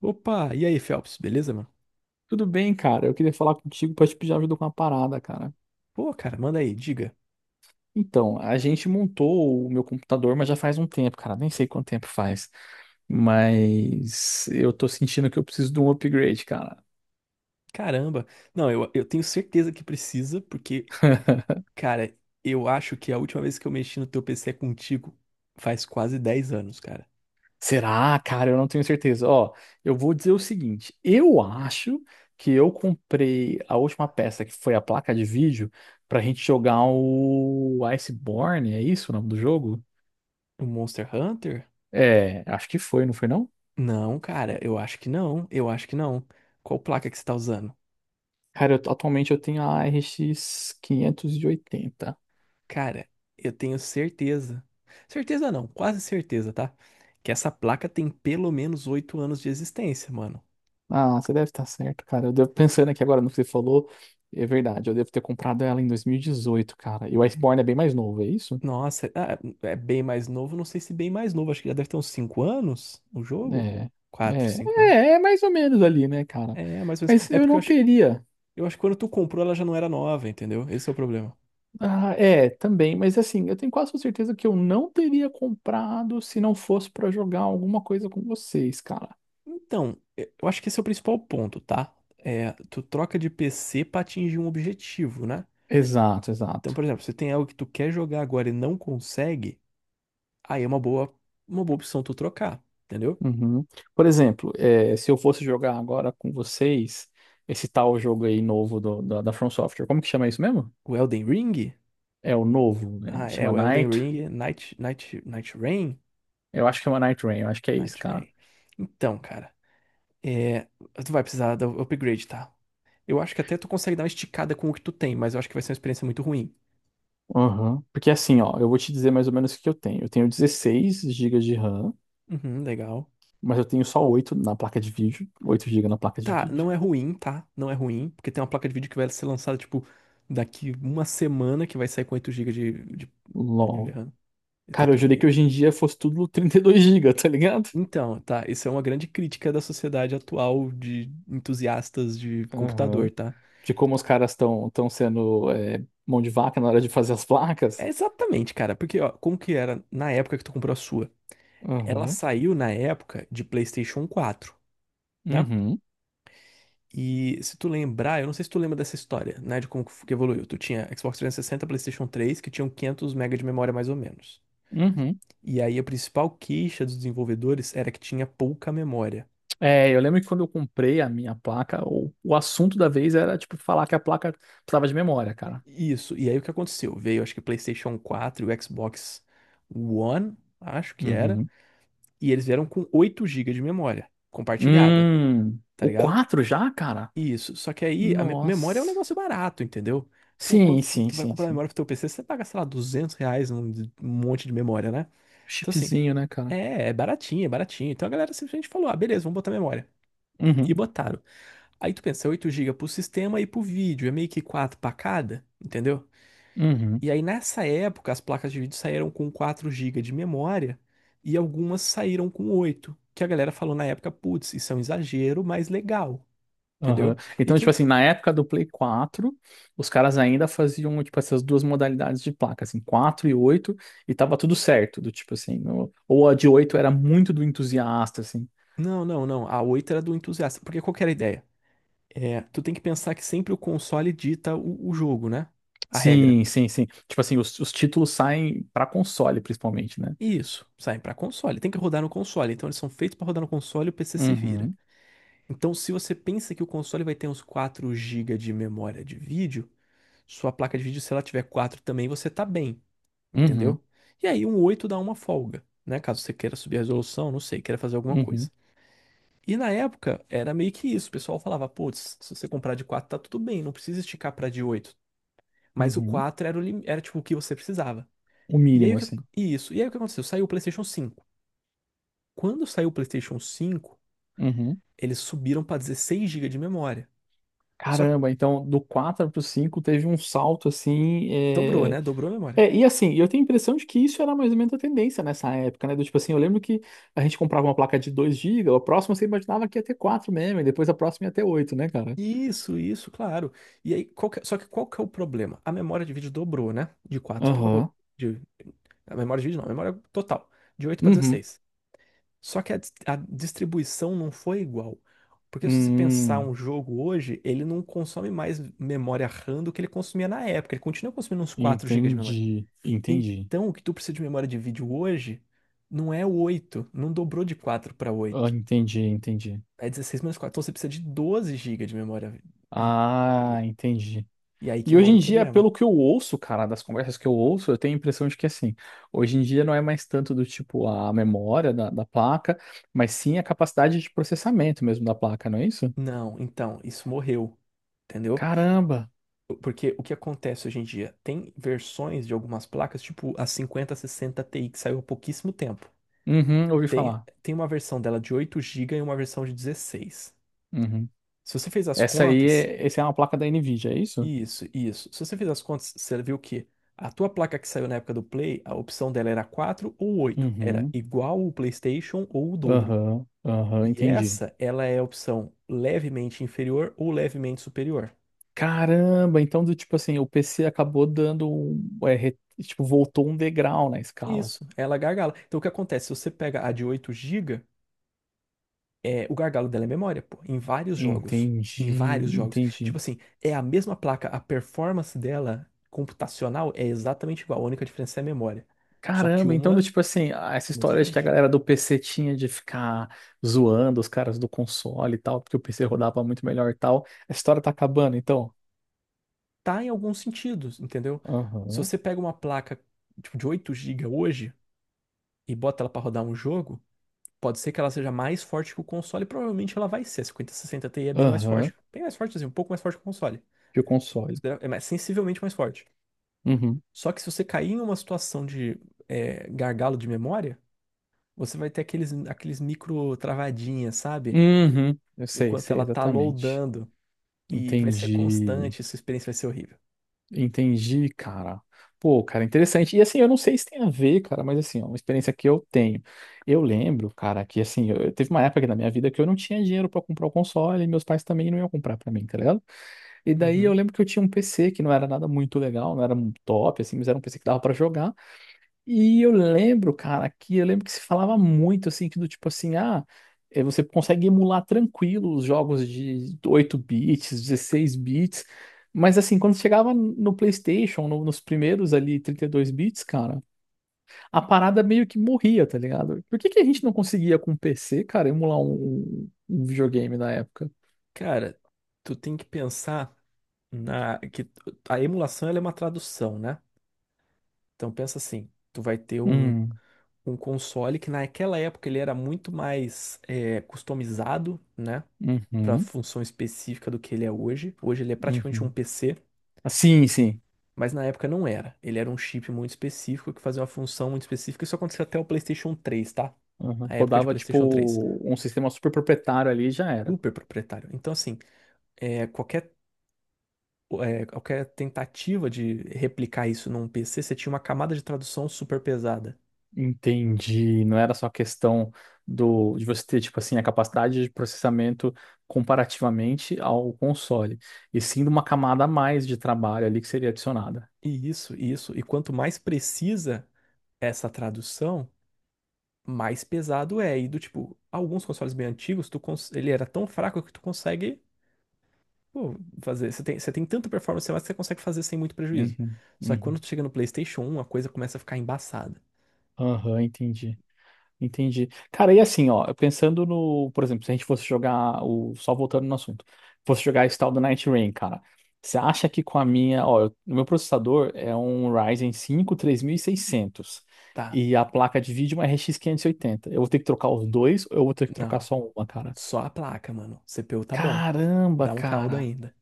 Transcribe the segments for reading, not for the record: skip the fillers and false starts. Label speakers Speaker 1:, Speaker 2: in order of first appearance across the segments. Speaker 1: Opa, e aí, Phelps, beleza, mano?
Speaker 2: Tudo bem, cara. Eu queria falar contigo pra te pedir ajuda com uma parada, cara.
Speaker 1: Pô, cara, manda aí, diga.
Speaker 2: Então, a gente montou o meu computador, mas já faz um tempo, cara. Nem sei quanto tempo faz. Mas eu tô sentindo que eu preciso de um upgrade, cara.
Speaker 1: Caramba. Não, eu tenho certeza que precisa, porque, cara, eu acho que a última vez que eu mexi no teu PC é contigo faz quase 10 anos, cara.
Speaker 2: Será, cara? Eu não tenho certeza. Ó, eu vou dizer o seguinte: eu acho que eu comprei a última peça, que foi a placa de vídeo, pra gente jogar o Iceborne. É isso o nome do jogo?
Speaker 1: O Monster Hunter?
Speaker 2: É, acho que foi, não foi não?
Speaker 1: Não, cara, eu acho que não, eu acho que não. Qual placa que você tá usando?
Speaker 2: Cara, atualmente eu tenho a RX 80.
Speaker 1: Cara, eu tenho certeza. Certeza não, quase certeza, tá? Que essa placa tem pelo menos 8 anos de existência, mano.
Speaker 2: Ah, você deve estar certo, cara. Eu devo pensando aqui agora no que você falou. É verdade, eu devo ter comprado ela em 2018, cara. E o Iceborne é bem mais novo, é isso?
Speaker 1: Nossa, ah, é bem mais novo, não sei se bem mais novo, acho que já deve ter uns 5 anos o jogo.
Speaker 2: É,
Speaker 1: quatro
Speaker 2: é,
Speaker 1: cinco anos.
Speaker 2: é mais ou menos ali, né, cara?
Speaker 1: É, mais ou menos.
Speaker 2: Mas
Speaker 1: É
Speaker 2: eu
Speaker 1: porque eu
Speaker 2: não
Speaker 1: acho,
Speaker 2: teria.
Speaker 1: eu acho que quando tu comprou ela já não era nova, entendeu? Esse é o problema.
Speaker 2: Ah, é, também, mas assim, eu tenho quase certeza que eu não teria comprado se não fosse pra jogar alguma coisa com vocês, cara.
Speaker 1: Então, eu acho que esse é o principal ponto, tá? É, tu troca de PC pra atingir um objetivo, né?
Speaker 2: Exato,
Speaker 1: Então,
Speaker 2: exato.
Speaker 1: por exemplo, se tem algo que tu quer jogar agora e não consegue, aí é uma boa opção tu trocar, entendeu?
Speaker 2: Uhum. Por exemplo, se eu fosse jogar agora com vocês esse tal jogo aí novo da From Software, como que chama isso mesmo?
Speaker 1: O Elden Ring?
Speaker 2: É o novo, né?
Speaker 1: Ah, é,
Speaker 2: Chama
Speaker 1: o Elden
Speaker 2: Night.
Speaker 1: Ring, Night, Night, Night Rain?
Speaker 2: Eu acho que chama Night Rain, eu acho que é isso,
Speaker 1: Night
Speaker 2: cara.
Speaker 1: Rain. Então, cara. É, tu vai precisar do upgrade, tá? Eu acho que até tu consegue dar uma esticada com o que tu tem, mas eu acho que vai ser uma experiência muito ruim.
Speaker 2: Uhum. Porque assim, ó, eu vou te dizer mais ou menos o que eu tenho. Eu tenho 16 gigas de RAM,
Speaker 1: Uhum, legal.
Speaker 2: mas eu tenho só 8 na placa de vídeo. Oito gigas na placa de
Speaker 1: Tá,
Speaker 2: vídeo.
Speaker 1: não é ruim, tá? Não é ruim, porque tem uma placa de vídeo que vai ser lançada, tipo, daqui uma semana, que vai sair com 8 GB de, de
Speaker 2: LOL.
Speaker 1: RAM. E tá
Speaker 2: Cara, eu
Speaker 1: tudo
Speaker 2: jurei que
Speaker 1: bem.
Speaker 2: hoje em dia fosse tudo 32 gigas, tá ligado?
Speaker 1: Então, tá, isso é uma grande crítica da sociedade atual de entusiastas de computador,
Speaker 2: Aham.
Speaker 1: tá?
Speaker 2: De como os caras estão sendo mão de vaca na hora de fazer as placas.
Speaker 1: É exatamente, cara, porque, ó, como que era na época que tu comprou a sua? Ela
Speaker 2: Uhum,
Speaker 1: saiu na época de PlayStation 4, né?
Speaker 2: uhum,
Speaker 1: E se tu lembrar, eu não sei se tu lembra dessa história, né, de como que que evoluiu. Tu tinha Xbox 360, PlayStation 3, que tinham 500 MB de memória mais ou menos.
Speaker 2: uhum.
Speaker 1: E aí a principal queixa dos desenvolvedores era que tinha pouca memória.
Speaker 2: É, eu lembro que quando eu comprei a minha placa, o assunto da vez era, tipo, falar que a placa precisava de memória, cara.
Speaker 1: Isso, e aí o que aconteceu? Veio, acho que PlayStation 4 e o Xbox One, acho que era,
Speaker 2: Uhum.
Speaker 1: e eles vieram com 8 gigas de memória compartilhada, tá
Speaker 2: O
Speaker 1: ligado?
Speaker 2: 4 já, cara?
Speaker 1: Isso, só que aí memória é um
Speaker 2: Nossa.
Speaker 1: negócio barato, entendeu? Pô,
Speaker 2: Sim,
Speaker 1: quanto
Speaker 2: sim,
Speaker 1: tu vai
Speaker 2: sim,
Speaker 1: comprar
Speaker 2: sim.
Speaker 1: memória pro teu PC, você paga, sei lá, R$ 200 um monte de memória, né? Então, assim,
Speaker 2: Chipzinho, né, cara?
Speaker 1: é baratinho, é baratinho. Então a galera simplesmente falou: ah, beleza, vamos botar memória. E
Speaker 2: Uhum,
Speaker 1: botaram. Aí tu pensa, 8 GB pro sistema e pro vídeo, é meio que 4 pra cada, entendeu?
Speaker 2: uhum,
Speaker 1: E aí nessa época as placas de vídeo saíram com 4 GB de memória e algumas saíram com oito, que a galera falou na época, putz, isso é um exagero, mas legal,
Speaker 2: aham.
Speaker 1: entendeu? E
Speaker 2: Então, tipo
Speaker 1: quem.
Speaker 2: assim, na época do Play quatro, os caras ainda faziam, tipo, essas duas modalidades de placa, assim, 4 e oito, e tava tudo certo. Do tipo assim, ou a de 8 era muito do entusiasta, assim.
Speaker 1: Não, não, não, a 8 era do entusiasta, porque qual que era a ideia? É, tu tem que pensar que sempre o console dita o jogo, né? A regra.
Speaker 2: Sim, sim, sim. Tipo assim, os títulos saem pra console, principalmente, né?
Speaker 1: Isso, saem para console. Tem que rodar no console. Então eles são feitos para rodar no console e o PC se vira.
Speaker 2: Uhum,
Speaker 1: Então, se você pensa que o console vai ter uns 4 gigas de memória de vídeo, sua placa de vídeo, se ela tiver 4 também, você tá bem,
Speaker 2: uhum,
Speaker 1: entendeu? E aí um 8 dá uma folga, né? Caso você queira subir a resolução, não sei, queira fazer alguma coisa.
Speaker 2: uhum,
Speaker 1: E na época era meio que isso. O pessoal falava, putz, se você comprar de 4 tá tudo bem, não precisa esticar para de 8. Mas o
Speaker 2: uhum.
Speaker 1: 4 era, era tipo o que você precisava.
Speaker 2: O
Speaker 1: E aí o
Speaker 2: mínimo,
Speaker 1: que...
Speaker 2: assim.
Speaker 1: Isso. E aí o que aconteceu? Saiu o PlayStation cinco. Quando saiu o PlayStation cinco,
Speaker 2: Uhum.
Speaker 1: eles subiram para 16 gigas de memória. Só que
Speaker 2: Caramba, então do 4 pro cinco teve um salto assim.
Speaker 1: dobrou,
Speaker 2: É...
Speaker 1: né? Dobrou a memória.
Speaker 2: é, e assim, eu tenho a impressão de que isso era mais ou menos a tendência nessa época, né? Do tipo assim, eu lembro que a gente comprava uma placa de 2 gigas, a próxima você imaginava que ia ter quatro mesmo, e depois a próxima ia ter oito, né, cara?
Speaker 1: Isso, claro. E aí, só que qual que é o problema? A memória de vídeo dobrou, né? De quatro para 8.
Speaker 2: Aham.
Speaker 1: De, a memória de vídeo não, a memória total. De 8 para
Speaker 2: Uhum.
Speaker 1: 16. Só que a distribuição não foi igual. Porque se você pensar
Speaker 2: Hum,
Speaker 1: um jogo hoje, ele não consome mais memória RAM do que ele consumia na época. Ele continua consumindo uns 4 gigas de memória.
Speaker 2: entendi, entendi.
Speaker 1: Então, o que tu precisa de memória de vídeo hoje não é o oito, não dobrou de 4 para
Speaker 2: Ah,
Speaker 1: oito.
Speaker 2: entendi, entendi.
Speaker 1: É 16 menos quatro. Então você precisa de 12 gigas de memória.
Speaker 2: Ah,
Speaker 1: de-
Speaker 2: entendi.
Speaker 1: E aí que
Speaker 2: E hoje
Speaker 1: mora o
Speaker 2: em dia,
Speaker 1: problema.
Speaker 2: pelo que eu ouço, cara, das conversas que eu ouço, eu tenho a impressão de que assim, hoje em dia não é mais tanto do tipo a memória da placa, mas sim a capacidade de processamento mesmo da placa, não é isso?
Speaker 1: Não, então, isso morreu. Entendeu?
Speaker 2: Caramba!
Speaker 1: Porque o que acontece hoje em dia? Tem versões de algumas placas, tipo a 5060 Ti, que saiu há pouquíssimo tempo.
Speaker 2: Uhum, ouvi
Speaker 1: Tem,
Speaker 2: falar.
Speaker 1: tem uma versão dela de 8 gigas e uma versão de 16.
Speaker 2: Uhum.
Speaker 1: Se você fez as
Speaker 2: Essa aí
Speaker 1: contas,
Speaker 2: é, essa é uma placa da Nvidia, é isso?
Speaker 1: isso, isso. Se você fizer as contas, você viu que a tua placa que saiu na época do Play, a opção dela era 4 ou oito. Era
Speaker 2: Uhum,
Speaker 1: igual o PlayStation ou o dobro.
Speaker 2: aham, aham,
Speaker 1: E
Speaker 2: entendi.
Speaker 1: essa, ela é a opção levemente inferior ou levemente superior.
Speaker 2: Caramba, então do tipo assim, o PC acabou dando, é, tipo, voltou um degrau na escala.
Speaker 1: Isso, ela gargala. Então o que acontece? Se você pega a de 8 GB, o gargalo dela é memória, pô, em vários jogos. Em vários
Speaker 2: Entendi,
Speaker 1: jogos. Tipo
Speaker 2: entendi.
Speaker 1: assim, é a mesma placa, a performance dela computacional é exatamente igual. A única diferença é a memória. Só que
Speaker 2: Caramba,
Speaker 1: uma
Speaker 2: então,
Speaker 1: é
Speaker 2: do tipo assim, ah, essa
Speaker 1: muito
Speaker 2: história de que a
Speaker 1: diferente.
Speaker 2: galera do PC tinha de ficar zoando os caras do console e tal, porque o PC rodava muito melhor e tal, a história tá acabando, então.
Speaker 1: Tá, em alguns sentidos, entendeu? Se
Speaker 2: Aham,
Speaker 1: você pega uma placa tipo, de 8 gigas hoje e bota ela pra rodar um jogo, pode ser que ela seja mais forte que o console, e provavelmente ela vai ser. A 5060 Ti é
Speaker 2: aham,
Speaker 1: bem mais forte assim, um pouco mais forte que o console.
Speaker 2: que o console.
Speaker 1: Sensivelmente mais forte.
Speaker 2: Uhum,
Speaker 1: Só que se você cair em uma situação de gargalo de memória, você vai ter aqueles micro travadinhas, sabe?
Speaker 2: uhum, eu sei,
Speaker 1: Enquanto
Speaker 2: sei
Speaker 1: ela tá
Speaker 2: exatamente.
Speaker 1: loadando. E vai ser
Speaker 2: Entendi,
Speaker 1: constante, sua experiência vai ser horrível.
Speaker 2: entendi, cara. Pô, cara, interessante. E assim, eu não sei se tem a ver, cara, mas assim, ó, uma experiência que eu tenho. Eu lembro, cara, que assim, teve uma época aqui na minha vida que eu não tinha dinheiro pra comprar o console e meus pais também não iam comprar pra mim, tá ligado? E daí eu
Speaker 1: Uhum.
Speaker 2: lembro que eu tinha um PC que não era nada muito legal, não era um top, assim, mas era um PC que dava pra jogar. E eu lembro, cara, que eu lembro que se falava muito, assim, que do tipo assim, ah, você consegue emular tranquilo os jogos de 8 bits, 16 bits. Mas assim, quando chegava no PlayStation, nos primeiros ali 32 bits, cara, a parada meio que morria, tá ligado? Por que que a gente não conseguia com o PC, cara, emular um videogame na época?
Speaker 1: Cara, tu tem que pensar. na que t- a emulação ela é uma tradução, né? Então pensa assim, tu vai ter
Speaker 2: Hum,
Speaker 1: um console que naquela época ele era muito mais customizado, né? Para
Speaker 2: uhum,
Speaker 1: função específica do que ele é hoje. Hoje ele é praticamente um
Speaker 2: uhum.
Speaker 1: PC,
Speaker 2: Sim, sim.
Speaker 1: mas na época não era. Ele era um chip muito específico que fazia uma função muito específica. Isso aconteceu até o PlayStation 3, tá?
Speaker 2: Uhum.
Speaker 1: A época de
Speaker 2: Rodava
Speaker 1: PlayStation 3.
Speaker 2: tipo um sistema super proprietário ali e já era.
Speaker 1: Super proprietário. Então assim, é, qualquer qualquer tentativa de replicar isso num PC, você tinha uma camada de tradução super pesada.
Speaker 2: Entendi. Não era só questão do de você ter tipo assim a capacidade de processamento comparativamente ao console, e sim de uma camada a mais de trabalho ali que seria adicionada.
Speaker 1: E isso, isso. E quanto mais precisa essa tradução, mais pesado é. E do tipo, alguns consoles bem antigos, ele era tão fraco que tu consegue, pô, fazer. Você tem tanta performance a mais que você consegue fazer sem muito prejuízo.
Speaker 2: Uhum,
Speaker 1: Só que quando
Speaker 2: uhum.
Speaker 1: tu chega no PlayStation 1, a coisa começa a ficar embaçada.
Speaker 2: Aham, entendi. Entendi. Cara, e assim, ó, pensando no, por exemplo, se a gente fosse jogar o, só voltando no assunto, fosse jogar esse tal do Night Rain, cara, você acha que com a minha, ó, o meu processador é um Ryzen 5 3600
Speaker 1: Tá,
Speaker 2: e a placa de vídeo é uma RX 80. Eu vou ter que trocar os dois ou eu vou ter que trocar
Speaker 1: não.
Speaker 2: só uma, cara?
Speaker 1: Só a placa, mano. CPU tá bom.
Speaker 2: Caramba,
Speaker 1: Dá um caldo
Speaker 2: cara,
Speaker 1: ainda.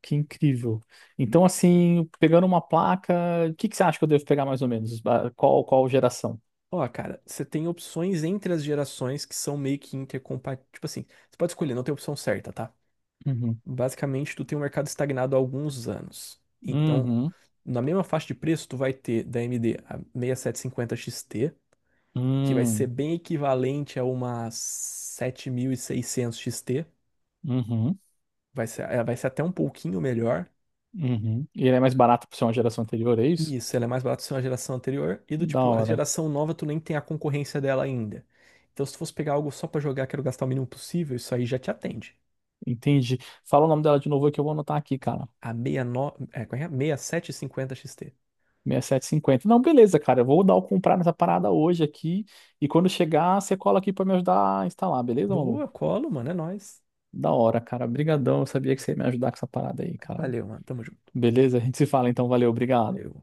Speaker 2: que incrível. Então, assim, pegando uma placa, o que que você acha que eu devo pegar mais ou menos? Ah, qual geração?
Speaker 1: Ó, cara, você tem opções entre as gerações que são meio que intercompatíveis. Tipo assim, você pode escolher, não tem opção certa, tá?
Speaker 2: Uhum.
Speaker 1: Basicamente, tu tem um mercado estagnado há alguns anos. Então,
Speaker 2: Uhum.
Speaker 1: na mesma faixa de preço, tu vai ter da AMD a 6750 XT, que vai ser
Speaker 2: Hum,
Speaker 1: bem equivalente a uma 7600 XT.
Speaker 2: uhum.
Speaker 1: Vai ser, ela vai ser até um pouquinho melhor.
Speaker 2: Uhum. E ele é mais barato por ser uma geração anterior, é isso?
Speaker 1: E isso, ela é mais barata do que a geração anterior. E do
Speaker 2: Da
Speaker 1: tipo, a
Speaker 2: hora.
Speaker 1: geração nova, tu nem tem a concorrência dela ainda. Então, se tu fosse pegar algo só pra jogar, quero gastar o mínimo possível, isso aí já te atende.
Speaker 2: Entendi. Fala o nome dela de novo que eu vou anotar aqui, cara.
Speaker 1: A 69, qual é? 6750 XT.
Speaker 2: 6750. Não, beleza, cara. Eu vou dar o comprar nessa parada hoje aqui. E quando chegar, você cola aqui pra me ajudar a instalar, beleza,
Speaker 1: Boa,
Speaker 2: maluco?
Speaker 1: colo, mano, é nóis.
Speaker 2: Da hora, cara. Brigadão. Eu sabia que você ia me ajudar com essa parada aí, cara.
Speaker 1: Valeu, mano. Tamo junto.
Speaker 2: Beleza? A gente se fala então. Valeu, obrigado.
Speaker 1: Deu.